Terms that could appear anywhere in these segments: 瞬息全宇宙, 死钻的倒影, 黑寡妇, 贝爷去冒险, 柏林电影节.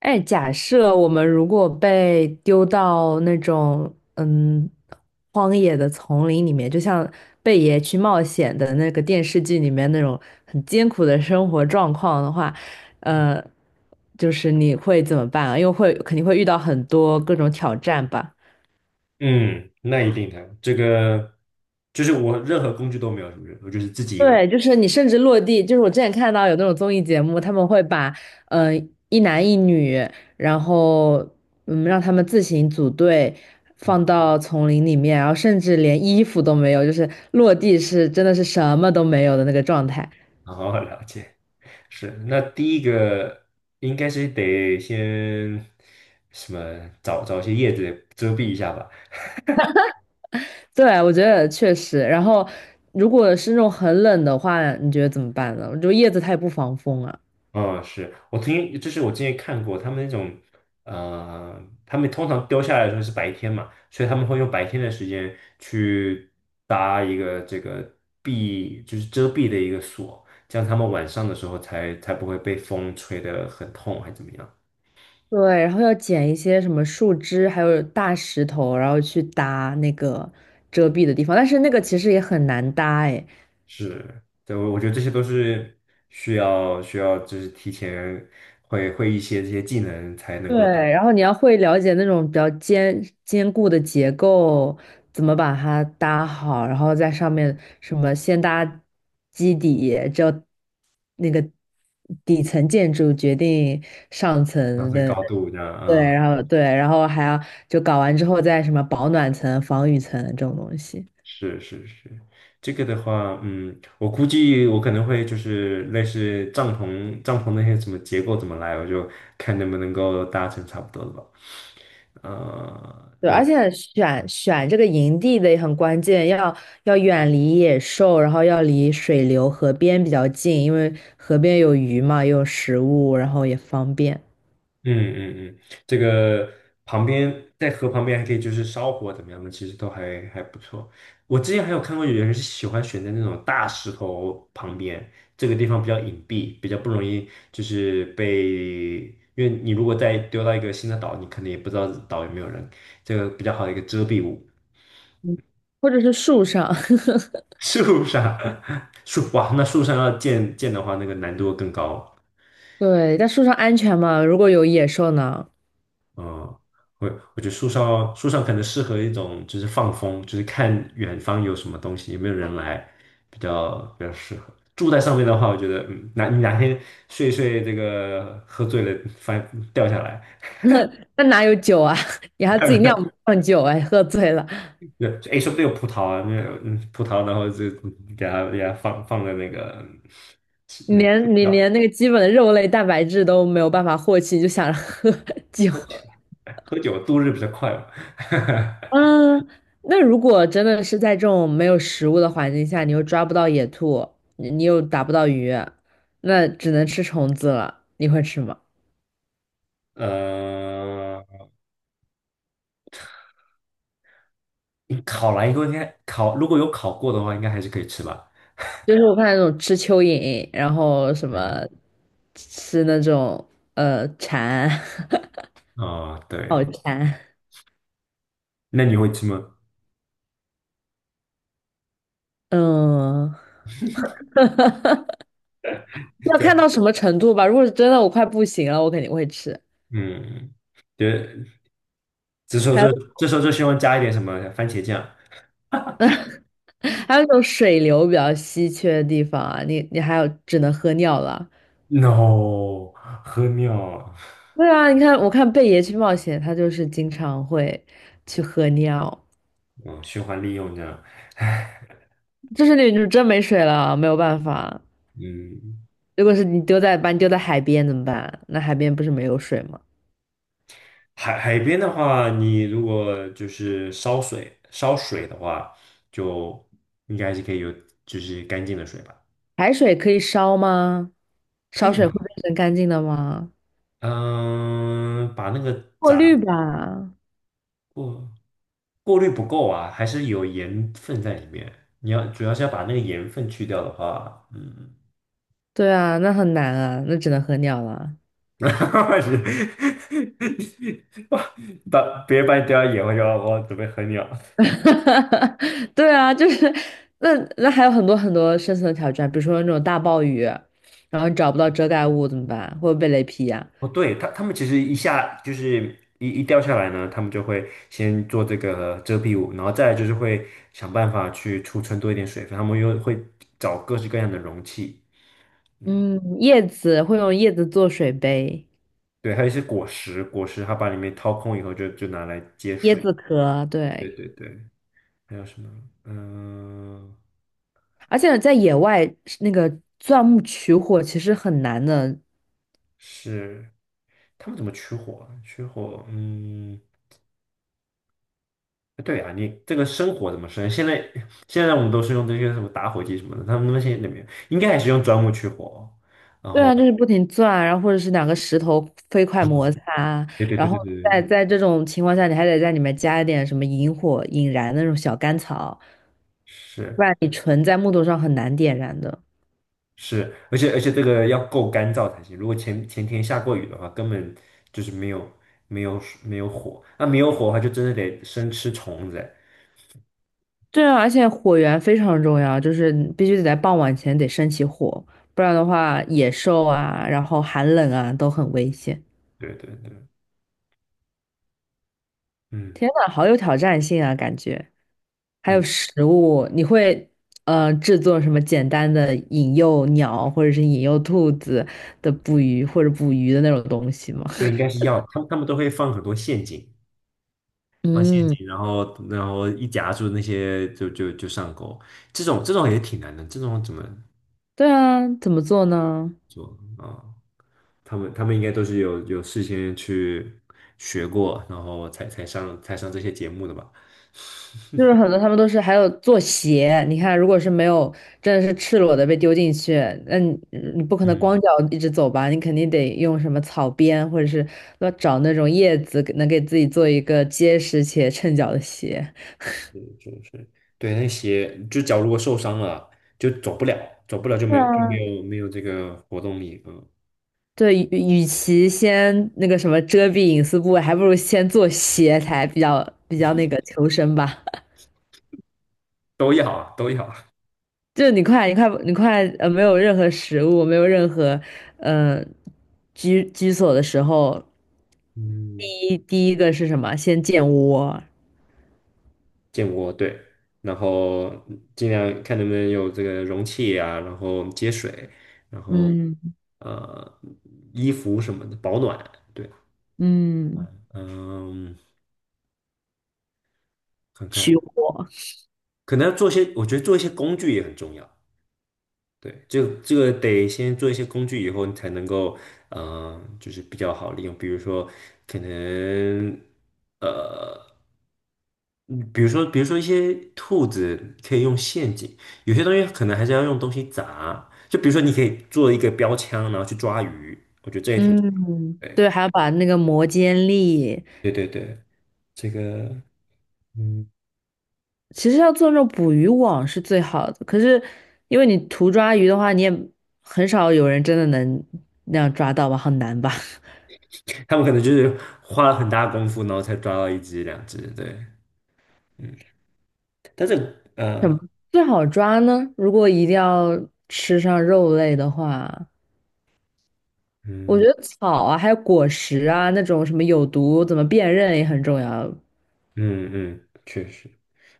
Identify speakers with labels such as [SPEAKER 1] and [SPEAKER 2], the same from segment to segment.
[SPEAKER 1] 哎，假设我们如果被丢到那种荒野的丛林里面，就像《贝爷去冒险》的那个电视剧里面那种很艰苦的生活状况的话，呃，就是你会怎么办啊？因为会肯定会遇到很多各种挑战吧。
[SPEAKER 2] 嗯，那一定的，这个就是我任何工具都没有，是不是？我就是自己一个人，
[SPEAKER 1] 对，就是你甚至落地，就是我之前看到有那种综艺节目，他们会把呃一男一女，然后让他们自行组队放到丛林里面，然后甚至连衣服都没有，就是落地是真的是什么都没有的那个状态。
[SPEAKER 2] 好好了解。是，那第一个应该是得先什么找找一些叶子遮蔽一下吧。
[SPEAKER 1] 对，我觉得确实。然后如果是那种很冷的话，你觉得怎么办呢？我觉得叶子它也不防风啊。
[SPEAKER 2] 嗯，是我曾经，就是我之前看过他们那种，呃，他们通常丢下来的时候是白天嘛，所以他们会用白天的时间去搭一个这个避，就是遮蔽的一个锁，这样他们晚上的时候才不会被风吹得很痛，还怎么样？
[SPEAKER 1] 对，然后要捡一些什么树枝，还有大石头，然后去搭那个遮蔽的地方。但是那个其实也很难搭哎。
[SPEAKER 2] 是，对，我觉得这些都是需要，就是提前会一些这些技能才能
[SPEAKER 1] 对，
[SPEAKER 2] 够达
[SPEAKER 1] 然后你要会了解那种比较坚固的结构，怎么把它搭好，然后在上面什么先搭基底，只有那个底层建筑决定上
[SPEAKER 2] 上
[SPEAKER 1] 层
[SPEAKER 2] 升
[SPEAKER 1] 的，
[SPEAKER 2] 高度这样，
[SPEAKER 1] 对，
[SPEAKER 2] 嗯，
[SPEAKER 1] 然后对，然后还要就搞完之后再什么保暖层、防雨层这种东西。
[SPEAKER 2] 是是是，这个的话，嗯，我估计我可能会就是类似帐篷那些什么结构怎么来，我就看能不能够搭成差不多的吧。呃，
[SPEAKER 1] 对，而且选这个营地的也很关键，要要远离野兽，然后要离水流、河边比较近，因为河边有鱼嘛，也有食物，然后也方便。
[SPEAKER 2] 嗯嗯嗯，这个旁边在河旁边还可以就是烧火怎么样的，其实都还不错。我之前还有看过有人是喜欢选在那种大石头旁边，这个地方比较隐蔽，比较不容易就是被，因为你如果再丢到一个新的岛，你可能也不知道岛有没有人，这个比较好的一个遮蔽物。
[SPEAKER 1] 或者是树上，
[SPEAKER 2] 树上，树，哇，那树上要建的话，那个难度更高。
[SPEAKER 1] 对，在树上安全吗？如果有野兽呢？
[SPEAKER 2] 嗯，我我觉得树上可能适合一种就是放风，就是看远方有什么东西，有没有人来，比较适合。住在上面的话，我觉得嗯，哪你哪天睡一睡，这个喝醉了翻掉下来，
[SPEAKER 1] 那哪有酒啊？你还自己酿酒哎，喝醉了，
[SPEAKER 2] 那哎说不定有葡萄啊，那嗯葡萄，然后就给它放在那个
[SPEAKER 1] 你
[SPEAKER 2] 那个
[SPEAKER 1] 连你
[SPEAKER 2] 叫
[SPEAKER 1] 连那个基本的肉类蛋白质都没有办法获取，你就想着喝 酒。
[SPEAKER 2] 喝酒度日比较快嘛。
[SPEAKER 1] 嗯，那如果真的是在这种没有食物的环境下，你又抓不到野兔，你又打不到鱼，那只能吃虫子了。你会吃吗？
[SPEAKER 2] 呃，烤完以后应该烤如果有烤过的话，应该还是可以吃吧。
[SPEAKER 1] 就是我看那种吃蚯蚓，然后什
[SPEAKER 2] 哎呦
[SPEAKER 1] 么吃那种蝉，
[SPEAKER 2] 啊，
[SPEAKER 1] 好
[SPEAKER 2] 对，
[SPEAKER 1] 馋。
[SPEAKER 2] 那你会吃吗？
[SPEAKER 1] 嗯，要
[SPEAKER 2] 对，
[SPEAKER 1] 看到什么程度吧。如果是真的我快不行了，我肯定会吃。
[SPEAKER 2] 嗯，对，这时候
[SPEAKER 1] 还
[SPEAKER 2] 就
[SPEAKER 1] 有
[SPEAKER 2] 这时候就希望加一点什么番茄酱
[SPEAKER 1] 还有那种水流比较稀缺的地方啊，你还有只能喝尿了。
[SPEAKER 2] ，no,喝尿，
[SPEAKER 1] 对啊，你看，我看贝爷去冒险，他就是经常会去喝尿，
[SPEAKER 2] 嗯，循环利用这样。
[SPEAKER 1] 就是那种真没水了，没有办法。
[SPEAKER 2] 嗯，
[SPEAKER 1] 如果是你丢在把你丢在海边怎么办？那海边不是没有水吗？
[SPEAKER 2] 海边的话，你如果就是烧水的话，就应该是可以有就是干净的水吧？
[SPEAKER 1] 海水可以烧吗？
[SPEAKER 2] 可
[SPEAKER 1] 烧
[SPEAKER 2] 以
[SPEAKER 1] 水会
[SPEAKER 2] 吧？
[SPEAKER 1] 变成干净的吗？
[SPEAKER 2] 嗯，把那个
[SPEAKER 1] 过
[SPEAKER 2] 炸
[SPEAKER 1] 滤吧。
[SPEAKER 2] 过。过滤不够啊，还是有盐分在里面。你要主要是要把那个盐分去掉的话，嗯，
[SPEAKER 1] 对啊，那很难啊，那只能喝尿了。
[SPEAKER 2] 是把把别人把你掉到盐，我就我准备喝尿。
[SPEAKER 1] 对啊，就是那还有很多很多生存挑战，比如说那种大暴雨，然后你找不到遮盖物怎么办？会不会被雷劈呀、
[SPEAKER 2] 哦，对，他他们其实一下就是一一掉下来呢，他们就会先做这个遮蔽物，然后再来就是会想办法去储存多一点水分，他们又会找各式各样的容器，
[SPEAKER 1] 嗯，叶子会用叶子做水杯，
[SPEAKER 2] 对，还有一些果实，果实它把里面掏空以后就拿来接
[SPEAKER 1] 椰
[SPEAKER 2] 水。
[SPEAKER 1] 子壳，
[SPEAKER 2] 对
[SPEAKER 1] 对。
[SPEAKER 2] 对对。还有什么？嗯，
[SPEAKER 1] 而且在野外，那个钻木取火其实很难的。
[SPEAKER 2] 是他们怎么取火啊？取火，嗯，对啊，你这个生火怎么生？现在我们都是用这些什么打火机什么的，他们那边现在那边应该还是用钻木取火哦。
[SPEAKER 1] 对啊，就是不停钻，然后或者是两个石头飞快摩擦，
[SPEAKER 2] 对对
[SPEAKER 1] 然
[SPEAKER 2] 对
[SPEAKER 1] 后
[SPEAKER 2] 对对对，
[SPEAKER 1] 在这种情况下，你还得在里面加一点什么引火、引燃的那种小甘草，不
[SPEAKER 2] 是
[SPEAKER 1] 然你纯在木头上很难点燃的。
[SPEAKER 2] 是，而且这个要够干燥才行。如果前前天下过雨的话，根本就是没有没有火，那、没有火的话，就真的得生吃虫子。
[SPEAKER 1] 对啊，而且火源非常重要，就是你必须得在傍晚前得升起火，不然的话，野兽啊，然后寒冷啊都很危险。
[SPEAKER 2] 对对对，嗯
[SPEAKER 1] 天呐，好有挑战性啊，感觉。还有
[SPEAKER 2] 嗯，
[SPEAKER 1] 食物，你会制作什么简单的引诱鸟或者是引诱兔子的捕鱼或者捕鱼的那种东西吗？
[SPEAKER 2] 对，应该是要，他们都会放很多陷阱。放陷
[SPEAKER 1] 嗯，
[SPEAKER 2] 阱，然后一夹住那些就上钩，这种也挺难的，这种怎么
[SPEAKER 1] 对啊，怎么做呢？
[SPEAKER 2] 啊、他们应该都是有事先去学过，然后才上才上这些节目的吧？
[SPEAKER 1] 就是很多他们都是还有做鞋，你看，如果是没有真的是赤裸的被丢进去，那你你不可能
[SPEAKER 2] 嗯，
[SPEAKER 1] 光脚一直走吧？你肯定得用什么草编，或者是要找那种叶子，能给自己做一个结实且衬脚的鞋。
[SPEAKER 2] 是是是，对，那些就脚如果受伤了，就走不了，走不了就
[SPEAKER 1] 对
[SPEAKER 2] 没就没
[SPEAKER 1] 啊。
[SPEAKER 2] 有没有这个活动力，嗯，
[SPEAKER 1] 对，与与其先那个什么遮蔽隐私部位，还不如先做鞋才比较那个求生吧。
[SPEAKER 2] 都要啊都要，啊。
[SPEAKER 1] 就你快，你快，你快，没有任何食物，没有任何，呃，居所的时候，第
[SPEAKER 2] 嗯，
[SPEAKER 1] 一第一个是什么？先建窝，
[SPEAKER 2] 建窝对，然后尽量看能不能有这个容器啊，然后接水。
[SPEAKER 1] 嗯
[SPEAKER 2] 呃衣服什么的保暖。对，
[SPEAKER 1] 嗯，
[SPEAKER 2] 嗯，看
[SPEAKER 1] 取
[SPEAKER 2] 看，
[SPEAKER 1] 火，
[SPEAKER 2] 可能要做些，我觉得做一些工具也很重要。对，这个得先做一些工具，以后你才能够，嗯，就是比较好利用。比如说，可能，呃，比如说,一些兔子可以用陷阱，有些东西可能还是要用东西砸。就比如说，你可以做一个标枪，然后去抓鱼。
[SPEAKER 1] 嗯，
[SPEAKER 2] 对，
[SPEAKER 1] 对，还要把那个磨尖利，
[SPEAKER 2] 对对对，这个。嗯。
[SPEAKER 1] 其实要做那种捕鱼网是最好的，可是因为你图抓鱼的话，你也很少有人真的能那样抓到吧，很难吧？
[SPEAKER 2] 他们可能就是花了很大功夫，然后才抓到一只两只，对，嗯，但是
[SPEAKER 1] 什么最好抓呢？如果一定要吃上肉类的话，我觉
[SPEAKER 2] 嗯
[SPEAKER 1] 得草啊，还有果实啊，那种什么有毒怎么辨认也很重要。
[SPEAKER 2] 嗯嗯，确实，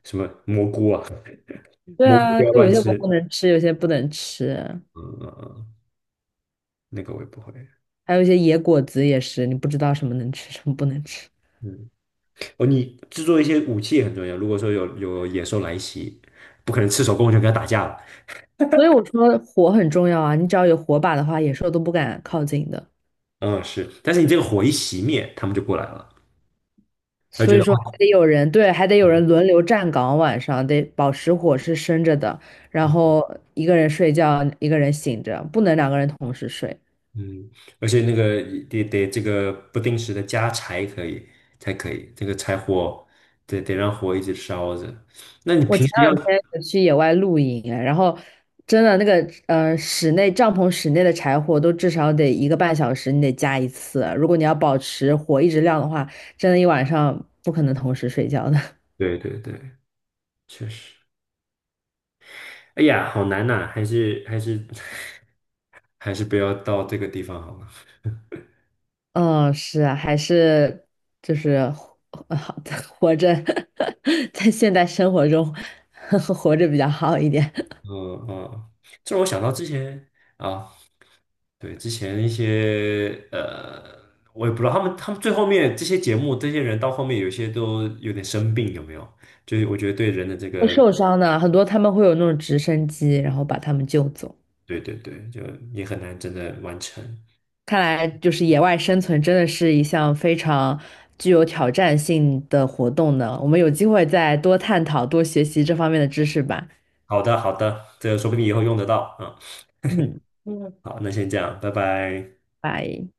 [SPEAKER 2] 什么蘑菇啊，
[SPEAKER 1] 对
[SPEAKER 2] 蘑菇不
[SPEAKER 1] 啊，
[SPEAKER 2] 要
[SPEAKER 1] 就有
[SPEAKER 2] 乱
[SPEAKER 1] 些蘑菇
[SPEAKER 2] 吃，
[SPEAKER 1] 能吃，有些不能吃，
[SPEAKER 2] 嗯，那个我也不会，
[SPEAKER 1] 还有一些野果子也是，你不知道什么能吃，什么不能吃。
[SPEAKER 2] 嗯，哦，你制作一些武器也很重要，如果说有野兽来袭，不可能赤手空拳跟他打架了，
[SPEAKER 1] 所以我说火很重要啊，你只要有火把的话，野兽都不敢靠近的。
[SPEAKER 2] 嗯是，但是你这个火一熄灭，他们就过来了，他
[SPEAKER 1] 所
[SPEAKER 2] 就觉
[SPEAKER 1] 以
[SPEAKER 2] 得。
[SPEAKER 1] 说还得有人，对，还得有人轮流站岗，晚上得保持火是生着的，然后一个人睡觉，一个人醒着，不能两个人同时睡。
[SPEAKER 2] 嗯，而且那个得这个不定时的加柴可以才可以，这个柴火得让火一直烧着。那你
[SPEAKER 1] 我
[SPEAKER 2] 平
[SPEAKER 1] 前
[SPEAKER 2] 时要，
[SPEAKER 1] 两天有去野外露营哎，然后真的那个室内帐篷室内的柴火都至少得一个半小时，你得加一次。如果你要保持火一直亮的话，真的一晚上不可能同时睡觉的。
[SPEAKER 2] 对对对，确实。哎呀，好难呐、还是还是 还是不要到这个地方好了。
[SPEAKER 1] 嗯，是啊，还是就是活 活着，在现代生活中 活着比较好一点。
[SPEAKER 2] 嗯嗯，这让我想到之前啊，对，之前一些呃，我也不知道他们最后面这些节目，这些人到后面有些都有点生病，有没有？就是我觉得对人的这
[SPEAKER 1] 会
[SPEAKER 2] 个。
[SPEAKER 1] 受伤的很多，他们会有那种直升机，然后把他们救走。
[SPEAKER 2] 对对对，就也很难真的完成。
[SPEAKER 1] 看来就是野外生存真的是一项非常具有挑战性的活动呢。我们有机会再多探讨、多学习这方面的知识吧。
[SPEAKER 2] 好的，好的，这个说不定以后用得到啊。
[SPEAKER 1] 嗯，
[SPEAKER 2] 嗯，好，那先这样，拜拜。
[SPEAKER 1] 拜。